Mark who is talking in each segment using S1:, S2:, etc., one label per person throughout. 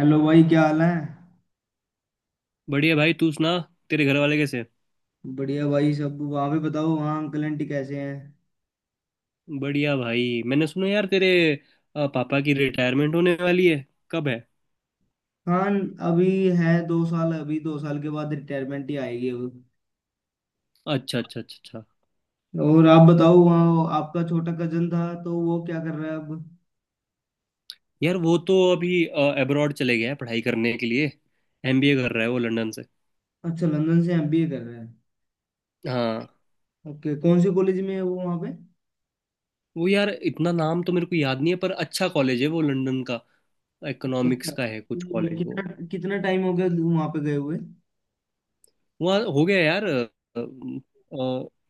S1: Hello भाई, क्या हाल है।
S2: बढ़िया भाई तू सुना। तेरे घर वाले कैसे हैं?
S1: बढ़िया भाई, सब वहाँ पे बताओ, वहाँ अंकल आंटी कैसे हैं।
S2: बढ़िया भाई मैंने सुना यार तेरे पापा की रिटायरमेंट होने वाली है। कब है?
S1: हाँ। अभी है 2 साल, अभी 2 साल के बाद रिटायरमेंट ही आएगी अब।
S2: अच्छा अच्छा अच्छा अच्छा।
S1: और आप बताओ, वहाँ आपका छोटा कजन था तो वो क्या कर रहा है अब।
S2: यार वो तो अभी अब्रॉड चले गया है पढ़ाई करने के लिए। एमबीए कर रहा है वो लंदन से।
S1: अच्छा, लंदन से एमबीए कर रहा है।
S2: हाँ।
S1: ओके, कौन से कॉलेज में है वो वहाँ पे।
S2: वो यार इतना नाम तो मेरे को याद नहीं है पर अच्छा कॉलेज है वो लंदन का।
S1: अच्छा
S2: इकोनॉमिक्स
S1: अच्छा।
S2: का है कुछ
S1: ये
S2: कॉलेज वो।
S1: कितना कितना टाइम हो गया वहाँ पे गए हुए।
S2: वहाँ हो गया यार अ,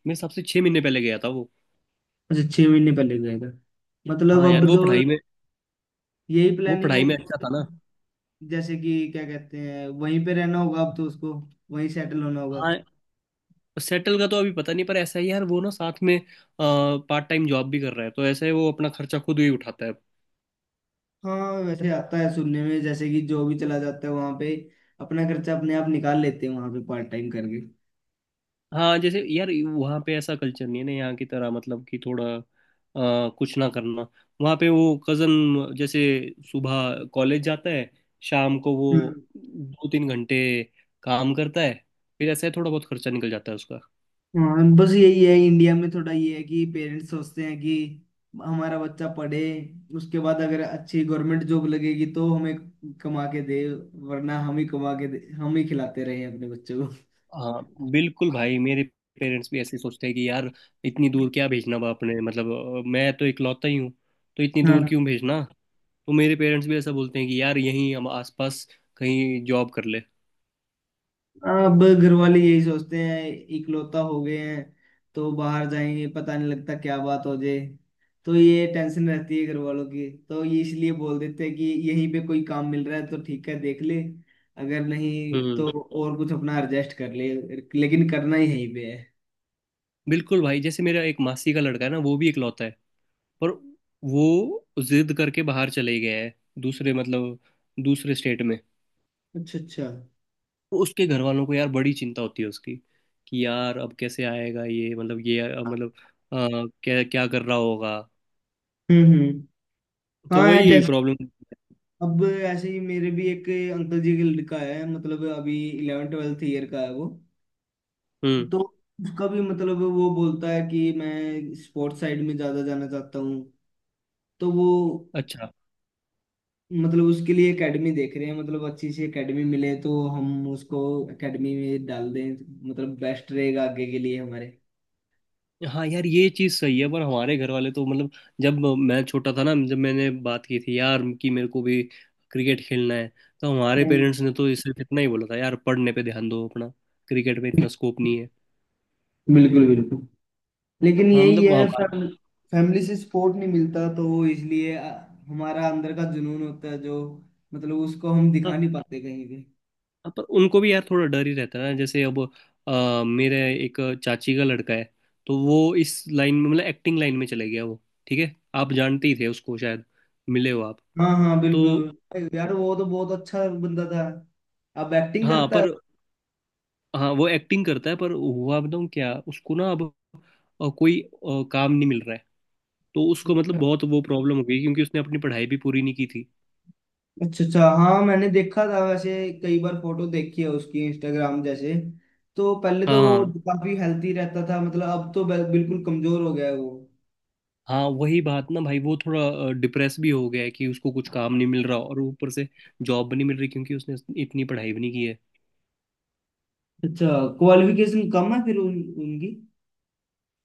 S2: मेरे हिसाब से छः महीने पहले गया था वो।
S1: अच्छा, 6 महीने पहले गए थे, मतलब
S2: हाँ यार
S1: अब
S2: वो पढ़ाई में,
S1: तो यही
S2: वो
S1: प्लानिंग
S2: पढ़ाई
S1: होगी,
S2: में अच्छा था ना।
S1: जैसे कि क्या कहते हैं, वहीं पे रहना होगा अब तो उसको, वहीं सेटल होना होगा।
S2: हाँ। सेटल का तो अभी पता नहीं पर ऐसा ही यार वो ना साथ में पार्ट टाइम जॉब भी कर रहा है, तो ऐसे वो अपना खर्चा खुद ही उठाता है।
S1: हाँ, वैसे आता है सुनने में, जैसे कि जो भी चला जाता है वहां पे अपना खर्चा अपने आप निकाल लेते हैं वहां पे पार्ट टाइम करके।
S2: हाँ जैसे यार वहाँ पे ऐसा कल्चर नहीं है ना यहाँ की तरह, मतलब कि थोड़ा कुछ ना करना। वहाँ पे वो कज़न जैसे सुबह कॉलेज जाता है, शाम को वो
S1: हम्म।
S2: दो तीन घंटे काम करता है, फिर ऐसे थोड़ा बहुत खर्चा निकल जाता है उसका।
S1: हाँ, बस यही है, इंडिया में थोड़ा ये है कि पेरेंट्स सोचते हैं कि हमारा बच्चा पढ़े, उसके बाद अगर अच्छी गवर्नमेंट जॉब लगेगी तो हमें कमा के दे, वरना हम ही कमा के दे, हम ही खिलाते रहे अपने बच्चों को।
S2: हाँ बिल्कुल भाई। मेरे पेरेंट्स भी ऐसे ही सोचते हैं कि यार इतनी दूर क्या भेजना बाप ने, मतलब मैं तो इकलौता ही हूँ, तो इतनी दूर
S1: हाँ।
S2: क्यों भेजना। तो मेरे पेरेंट्स भी ऐसा बोलते हैं कि यार यहीं हम आसपास कहीं जॉब कर ले।
S1: अब घर वाले यही सोचते हैं, इकलौता हो गए हैं तो बाहर जाएंगे, पता नहीं लगता क्या बात हो जाए, तो ये टेंशन रहती है घर वालों की, तो ये इसलिए बोल देते हैं कि यहीं पे कोई काम मिल रहा है तो ठीक है देख ले, अगर नहीं
S2: हम्म।
S1: तो और कुछ अपना एडजस्ट कर ले, लेकिन करना ही यहीं पे है।
S2: बिल्कुल भाई, जैसे मेरा एक मासी का लड़का है ना, वो भी इकलौता है पर वो जिद करके बाहर चले गया है, दूसरे मतलब दूसरे स्टेट में।
S1: अच्छा अच्छा।
S2: तो उसके घर वालों को यार बड़ी चिंता होती है उसकी कि यार अब कैसे आएगा ये, मतलब ये मतलब अ, क्या क्या कर रहा होगा।
S1: हम्म।
S2: तो
S1: हाँ है,
S2: वही
S1: जैसे
S2: प्रॉब्लम।
S1: अब ऐसे ही मेरे भी एक अंकल जी का लड़का है, मतलब अभी इलेवन ट्वेल्थ ईयर का है वो,
S2: हम्म।
S1: तो उसका भी वो बोलता है कि मैं स्पोर्ट्स साइड में ज्यादा जाना चाहता हूँ, तो वो
S2: अच्छा।
S1: मतलब उसके लिए एकेडमी देख रहे हैं, मतलब अच्छी सी एकेडमी मिले तो हम उसको एकेडमी में डाल दें, मतलब बेस्ट रहेगा आगे के लिए हमारे।
S2: हाँ यार ये चीज़ सही है पर हमारे घर वाले तो मतलब, जब मैं छोटा था ना, जब मैंने बात की थी यार कि मेरे को भी क्रिकेट खेलना है, तो हमारे
S1: हम्म,
S2: पेरेंट्स ने तो सिर्फ इतना ही बोला था यार पढ़ने पे ध्यान दो अपना, क्रिकेट में इतना स्कोप नहीं है।
S1: बिल्कुल बिल्कुल। लेकिन
S2: हाँ
S1: यही
S2: मतलब
S1: है,
S2: हमारा।
S1: फैमिली से सपोर्ट नहीं मिलता तो इसलिए हमारा अंदर का जुनून होता है जो, मतलब उसको हम दिखा
S2: हाँ,
S1: नहीं पाते कहीं।
S2: हाँ, पर उनको भी यार थोड़ा डर ही रहता है ना। जैसे अब मेरे एक चाची का लड़का है, तो वो इस लाइन में, मतलब एक्टिंग लाइन में चले गया वो। ठीक है आप जानते ही थे उसको शायद, मिले हो आप।
S1: हाँ हाँ,
S2: तो
S1: बिल्कुल यार, वो तो बहुत अच्छा बंदा था, अब एक्टिंग
S2: हाँ
S1: करता है।
S2: पर, हाँ वो एक्टिंग करता है पर हुआ बताऊँ क्या उसको ना। अब कोई काम नहीं मिल रहा है तो उसको, मतलब बहुत वो प्रॉब्लम हो गई क्योंकि उसने अपनी पढ़ाई भी पूरी नहीं की थी।
S1: अच्छा अच्छा, हाँ मैंने देखा था वैसे, कई बार फोटो देखी है उसकी इंस्टाग्राम जैसे, तो पहले तो वो
S2: हाँ।
S1: काफी हेल्थी रहता था, मतलब अब तो बिल्कुल कमजोर हो गया है वो।
S2: हाँ वही बात ना भाई, वो थोड़ा डिप्रेस भी हो गया है कि उसको कुछ काम नहीं मिल रहा और ऊपर से जॉब भी नहीं मिल रही क्योंकि उसने इतनी पढ़ाई भी नहीं की है।
S1: अच्छा, क्वालिफिकेशन कम है फिर उनकी।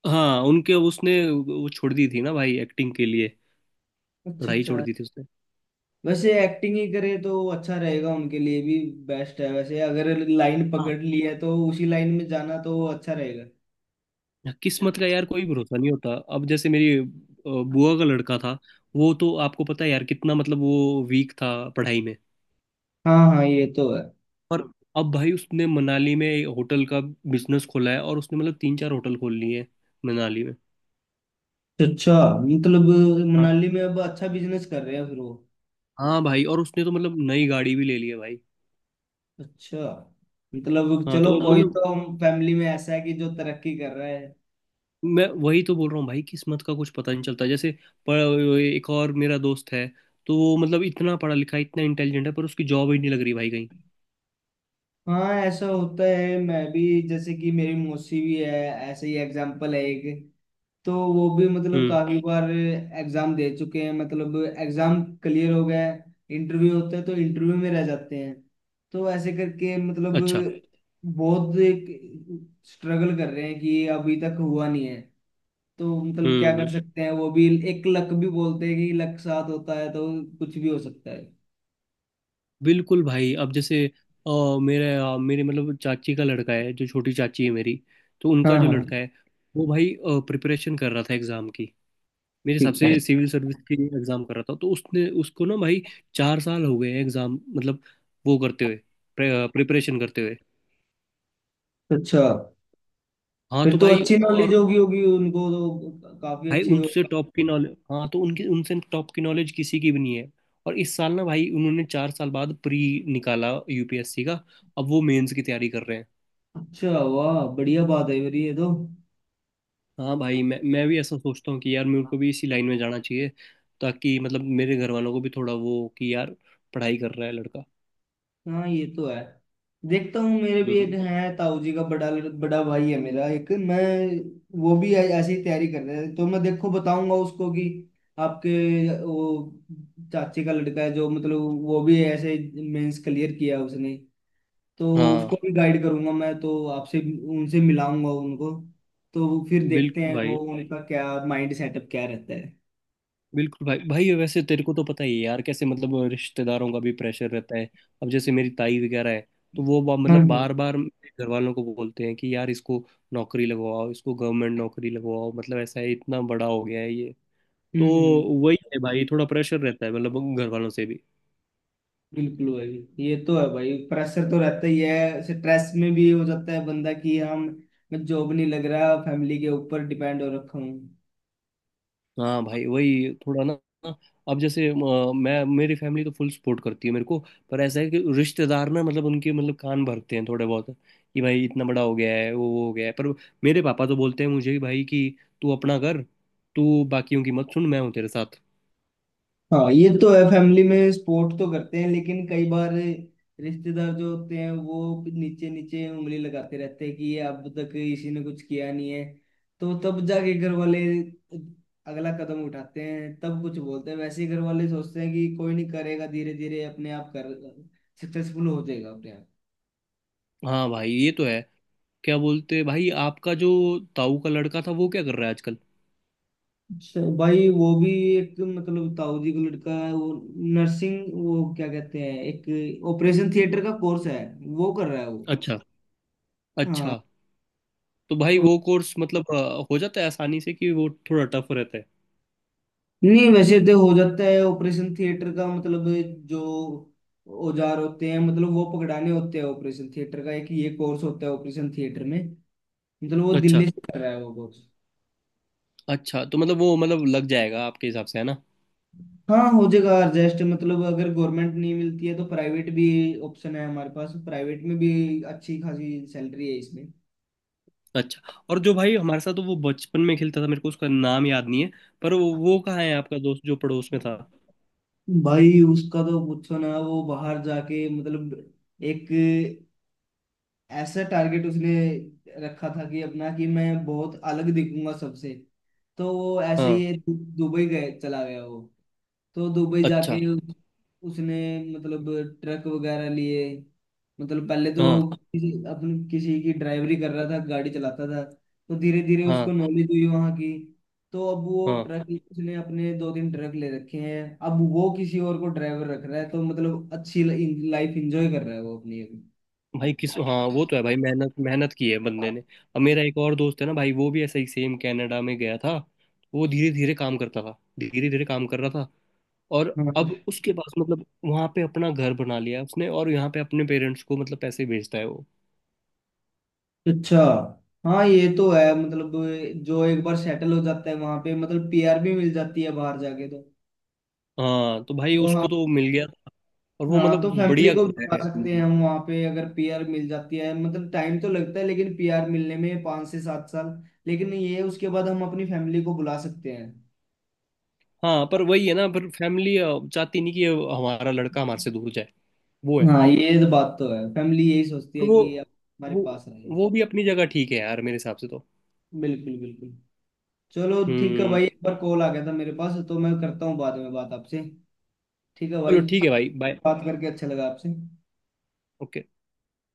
S2: हाँ उनके, उसने वो छोड़ दी थी ना भाई एक्टिंग के लिए।
S1: अच्छा
S2: पढ़ाई छोड़
S1: अच्छा,
S2: दी थी उसने।
S1: वैसे एक्टिंग ही करे तो अच्छा रहेगा उनके लिए भी, बेस्ट है वैसे, अगर लाइन पकड़ ली है तो उसी लाइन में जाना तो अच्छा रहेगा।
S2: किस्मत का यार कोई भरोसा नहीं होता। अब जैसे मेरी बुआ का लड़का था, वो तो आपको पता है यार कितना मतलब वो वीक था पढ़ाई में।
S1: हाँ हाँ, ये तो है।
S2: और अब भाई उसने मनाली में एक होटल का बिजनेस खोला है और उसने मतलब तीन चार होटल खोल लिए हैं मनाली में।
S1: अच्छा, मतलब
S2: हाँ।
S1: मनाली में अब अच्छा बिजनेस कर रहे हैं फिर वो।
S2: हाँ भाई, और उसने तो मतलब नई गाड़ी भी ले ली है भाई।
S1: अच्छा, मतलब
S2: हाँ
S1: चलो, हाँ
S2: तो
S1: कोई
S2: मतलब
S1: तो हम फैमिली में ऐसा है कि जो तरक्की कर रहा है।
S2: मैं वही तो बोल रहा हूँ भाई किस्मत का कुछ पता नहीं चलता। जैसे पर एक और मेरा दोस्त है, तो वो मतलब इतना पढ़ा लिखा है, इतना इंटेलिजेंट है पर उसकी जॉब ही नहीं लग रही भाई कहीं।
S1: हाँ ऐसा होता है, मैं भी जैसे कि मेरी मौसी भी है, ऐसे ही एग्जाम्पल है एक, तो वो भी मतलब
S2: हम्म।
S1: काफी बार एग्जाम दे चुके हैं, मतलब एग्जाम क्लियर हो गया, इंटरव्यू होता है तो इंटरव्यू में रह जाते हैं, तो ऐसे करके मतलब
S2: अच्छा।
S1: बहुत स्ट्रगल कर रहे हैं कि अभी तक हुआ नहीं है, तो मतलब क्या कर
S2: हम्म।
S1: सकते हैं, वो भी एक लक भी बोलते हैं कि लक साथ होता है तो कुछ भी हो सकता है।
S2: बिल्कुल भाई। अब जैसे अ, मेरे मतलब चाची का लड़का है जो छोटी चाची है मेरी, तो
S1: हाँ
S2: उनका जो
S1: हाँ।
S2: लड़का है, वो भाई प्रिपरेशन कर रहा था एग्जाम की। मेरे हिसाब
S1: ठीक है।
S2: से सिविल सर्विस की एग्जाम कर रहा था, तो उसने उसको ना भाई चार साल हो गए एग्जाम मतलब, वो करते हुए, प्रिपरेशन करते हुए।
S1: अच्छा,
S2: हाँ
S1: फिर
S2: तो
S1: तो
S2: भाई
S1: अच्छी
S2: और,
S1: नॉलेज होगी, होगी उनको तो काफी
S2: भाई
S1: अच्छे हो।
S2: उनसे टॉप की नॉलेज। हाँ तो उनकी, उनसे टॉप की नॉलेज किसी की भी नहीं है। और इस साल ना भाई उन्होंने चार साल बाद प्री निकाला यूपीएससी का। अब वो मेंस की तैयारी कर रहे हैं।
S1: अच्छा वाह, बढ़िया बात है मेरी ये तो।
S2: हाँ भाई मैं भी ऐसा सोचता हूँ कि यार मेरे को भी इसी लाइन में जाना चाहिए ताकि मतलब मेरे घर वालों को भी थोड़ा वो हो कि यार पढ़ाई कर रहा है लड़का।
S1: हाँ ये तो है, देखता हूँ मेरे भी एक
S2: हम्म।
S1: है ताऊ जी का बड़ा, बड़ा भाई है मेरा एक, मैं वो भी ऐसे ही तैयारी कर रहे हैं, तो मैं देखो बताऊंगा उसको कि आपके वो चाची का लड़का है जो, मतलब वो भी ऐसे मेंस क्लियर किया उसने, तो उसको
S2: हाँ
S1: भी गाइड करूंगा मैं, तो आपसे उनसे मिलाऊंगा उनको, तो फिर देखते
S2: बिल्कुल
S1: हैं वो
S2: भाई।
S1: उनका क्या माइंड सेटअप क्या रहता है।
S2: बिल्कुल भाई, भाई वैसे तेरे को तो पता ही है यार कैसे मतलब रिश्तेदारों का भी प्रेशर रहता है। अब जैसे मेरी ताई वगैरह है, तो वो
S1: हम्म
S2: मतलब
S1: हम्म।
S2: बार बार घर वालों को बोलते हैं कि यार इसको नौकरी लगवाओ, इसको गवर्नमेंट नौकरी लगवाओ, मतलब ऐसा है, इतना बड़ा हो गया है ये। तो
S1: हम्म।
S2: वही है भाई, थोड़ा प्रेशर रहता है मतलब घर वालों से भी।
S1: बिल्कुल भाई, ये तो है भाई, प्रेशर तो रहता ही है, स्ट्रेस में भी हो जाता है बंदा कि हम, मैं जॉब नहीं लग रहा, फैमिली के ऊपर डिपेंड हो रखा हूँ।
S2: हाँ भाई वही थोड़ा ना, अब जैसे मैं मेरी फैमिली तो फुल सपोर्ट करती है मेरे को, पर ऐसा है कि रिश्तेदार ना मतलब उनके मतलब कान भरते हैं थोड़े बहुत कि भाई इतना बड़ा हो गया है, वो हो गया है, पर मेरे पापा तो बोलते हैं मुझे कि भाई कि तू अपना कर, तू बाकियों की मत सुन, मैं हूँ तेरे साथ।
S1: हाँ ये तो है, फैमिली में सपोर्ट तो करते हैं, लेकिन कई बार रिश्तेदार जो होते हैं वो नीचे नीचे उंगली लगाते रहते हैं कि ये अब तक इसी ने कुछ किया नहीं है, तो तब जाके घर वाले अगला कदम उठाते हैं, तब कुछ बोलते हैं, वैसे ही घर वाले सोचते हैं कि कोई नहीं करेगा, धीरे धीरे अपने आप कर सक्सेसफुल हो जाएगा अपने आप।
S2: हाँ भाई ये तो है। क्या बोलते हैं भाई, आपका जो ताऊ का लड़का था वो क्या कर रहा है आजकल?
S1: अच्छा भाई, वो भी एक मतलब ताऊ जी का लड़का है वो, नर्सिंग वो क्या कहते हैं, एक ऑपरेशन थिएटर का कोर्स है वो कर रहा है वो।
S2: अच्छा।
S1: हाँ।
S2: अच्छा तो भाई वो कोर्स मतलब हो जाता है आसानी से कि वो थोड़ा टफ रहता है?
S1: नहीं वैसे तो हो जाता है, ऑपरेशन थिएटर का मतलब जो औजार होते हैं, मतलब वो पकड़ाने होते हैं, ऑपरेशन थिएटर का एक ये कोर्स होता है ऑपरेशन थिएटर में, मतलब वो
S2: अच्छा।
S1: दिल्ली से कर रहा है वो कोर्स।
S2: अच्छा तो मतलब वो मतलब लग जाएगा आपके हिसाब से है ना?
S1: हाँ हो जाएगा एडजस्ट, मतलब अगर गवर्नमेंट नहीं मिलती है तो प्राइवेट भी ऑप्शन है हमारे पास, प्राइवेट में भी अच्छी खासी सैलरी है इसमें।
S2: अच्छा। और जो भाई हमारे साथ वो बचपन में खेलता था मेरे को उसका नाम याद नहीं है पर वो कहाँ है आपका दोस्त जो पड़ोस में था?
S1: भाई उसका तो पूछो ना, वो बाहर जाके मतलब एक ऐसा टारगेट उसने रखा था कि अपना, कि मैं बहुत अलग दिखूंगा सबसे, तो वो ऐसे
S2: हाँ।
S1: ही दुबई गए, चला गया वो। तो दुबई
S2: अच्छा।
S1: जाके उसने मतलब ट्रक वगैरह लिए, मतलब पहले तो
S2: हाँ।
S1: किसी अपने किसी की ड्राइवरी कर रहा था, गाड़ी चलाता था, तो धीरे धीरे उसको
S2: हाँ।
S1: नॉलेज हुई वहाँ की, तो अब वो
S2: हाँ
S1: ट्रक, उसने अपने 2-3 ट्रक ले रखे हैं, अब वो किसी और को ड्राइवर रख रहा है, तो मतलब अच्छी लाइफ इंजॉय कर रहा है वो अपनी।
S2: भाई किस,
S1: अभी।
S2: हाँ वो तो है भाई, मेहनत मेहनत की है बंदे ने। अब मेरा एक और दोस्त है ना भाई, वो भी ऐसा ही सेम कनाडा में गया था। वो धीरे धीरे काम करता था, धीरे धीरे काम कर रहा था और अब
S1: हाँ।
S2: उसके पास मतलब वहां पे अपना घर बना लिया उसने और यहाँ पे अपने पेरेंट्स को मतलब पैसे भेजता है वो।
S1: अच्छा हाँ ये तो है, मतलब जो एक बार सेटल हो जाता है वहां पे, मतलब पीआर भी मिल जाती है बाहर जाके तो।
S2: हाँ तो भाई
S1: तो हाँ।
S2: उसको तो मिल गया। और वो
S1: हाँ
S2: मतलब
S1: तो फैमिली
S2: बढ़िया
S1: को
S2: कर
S1: बता
S2: रहे
S1: सकते हैं
S2: हैं।
S1: हम, वहाँ पे अगर पीआर मिल जाती है, मतलब टाइम तो लगता है लेकिन, पीआर मिलने में 5 से 7 साल, लेकिन ये उसके बाद हम अपनी फैमिली को बुला सकते हैं।
S2: हाँ पर वही है ना, पर फैमिली चाहती नहीं कि हमारा लड़का हमारे से दूर जाए। वो है
S1: हाँ ये तो बात तो है, फैमिली यही सोचती
S2: पर
S1: है कि आप हमारे
S2: वो
S1: पास रहे।
S2: वो भी अपनी जगह ठीक है यार मेरे हिसाब से तो।
S1: बिल्कुल बिल्कुल। चलो ठीक है
S2: हम्म।
S1: भाई, एक बार कॉल आ गया था मेरे पास, तो मैं करता हूँ बाद में बात आपसे। ठीक है भाई,
S2: चलो ठीक है भाई बाय।
S1: बात करके अच्छा लगा आपसे।
S2: ओके।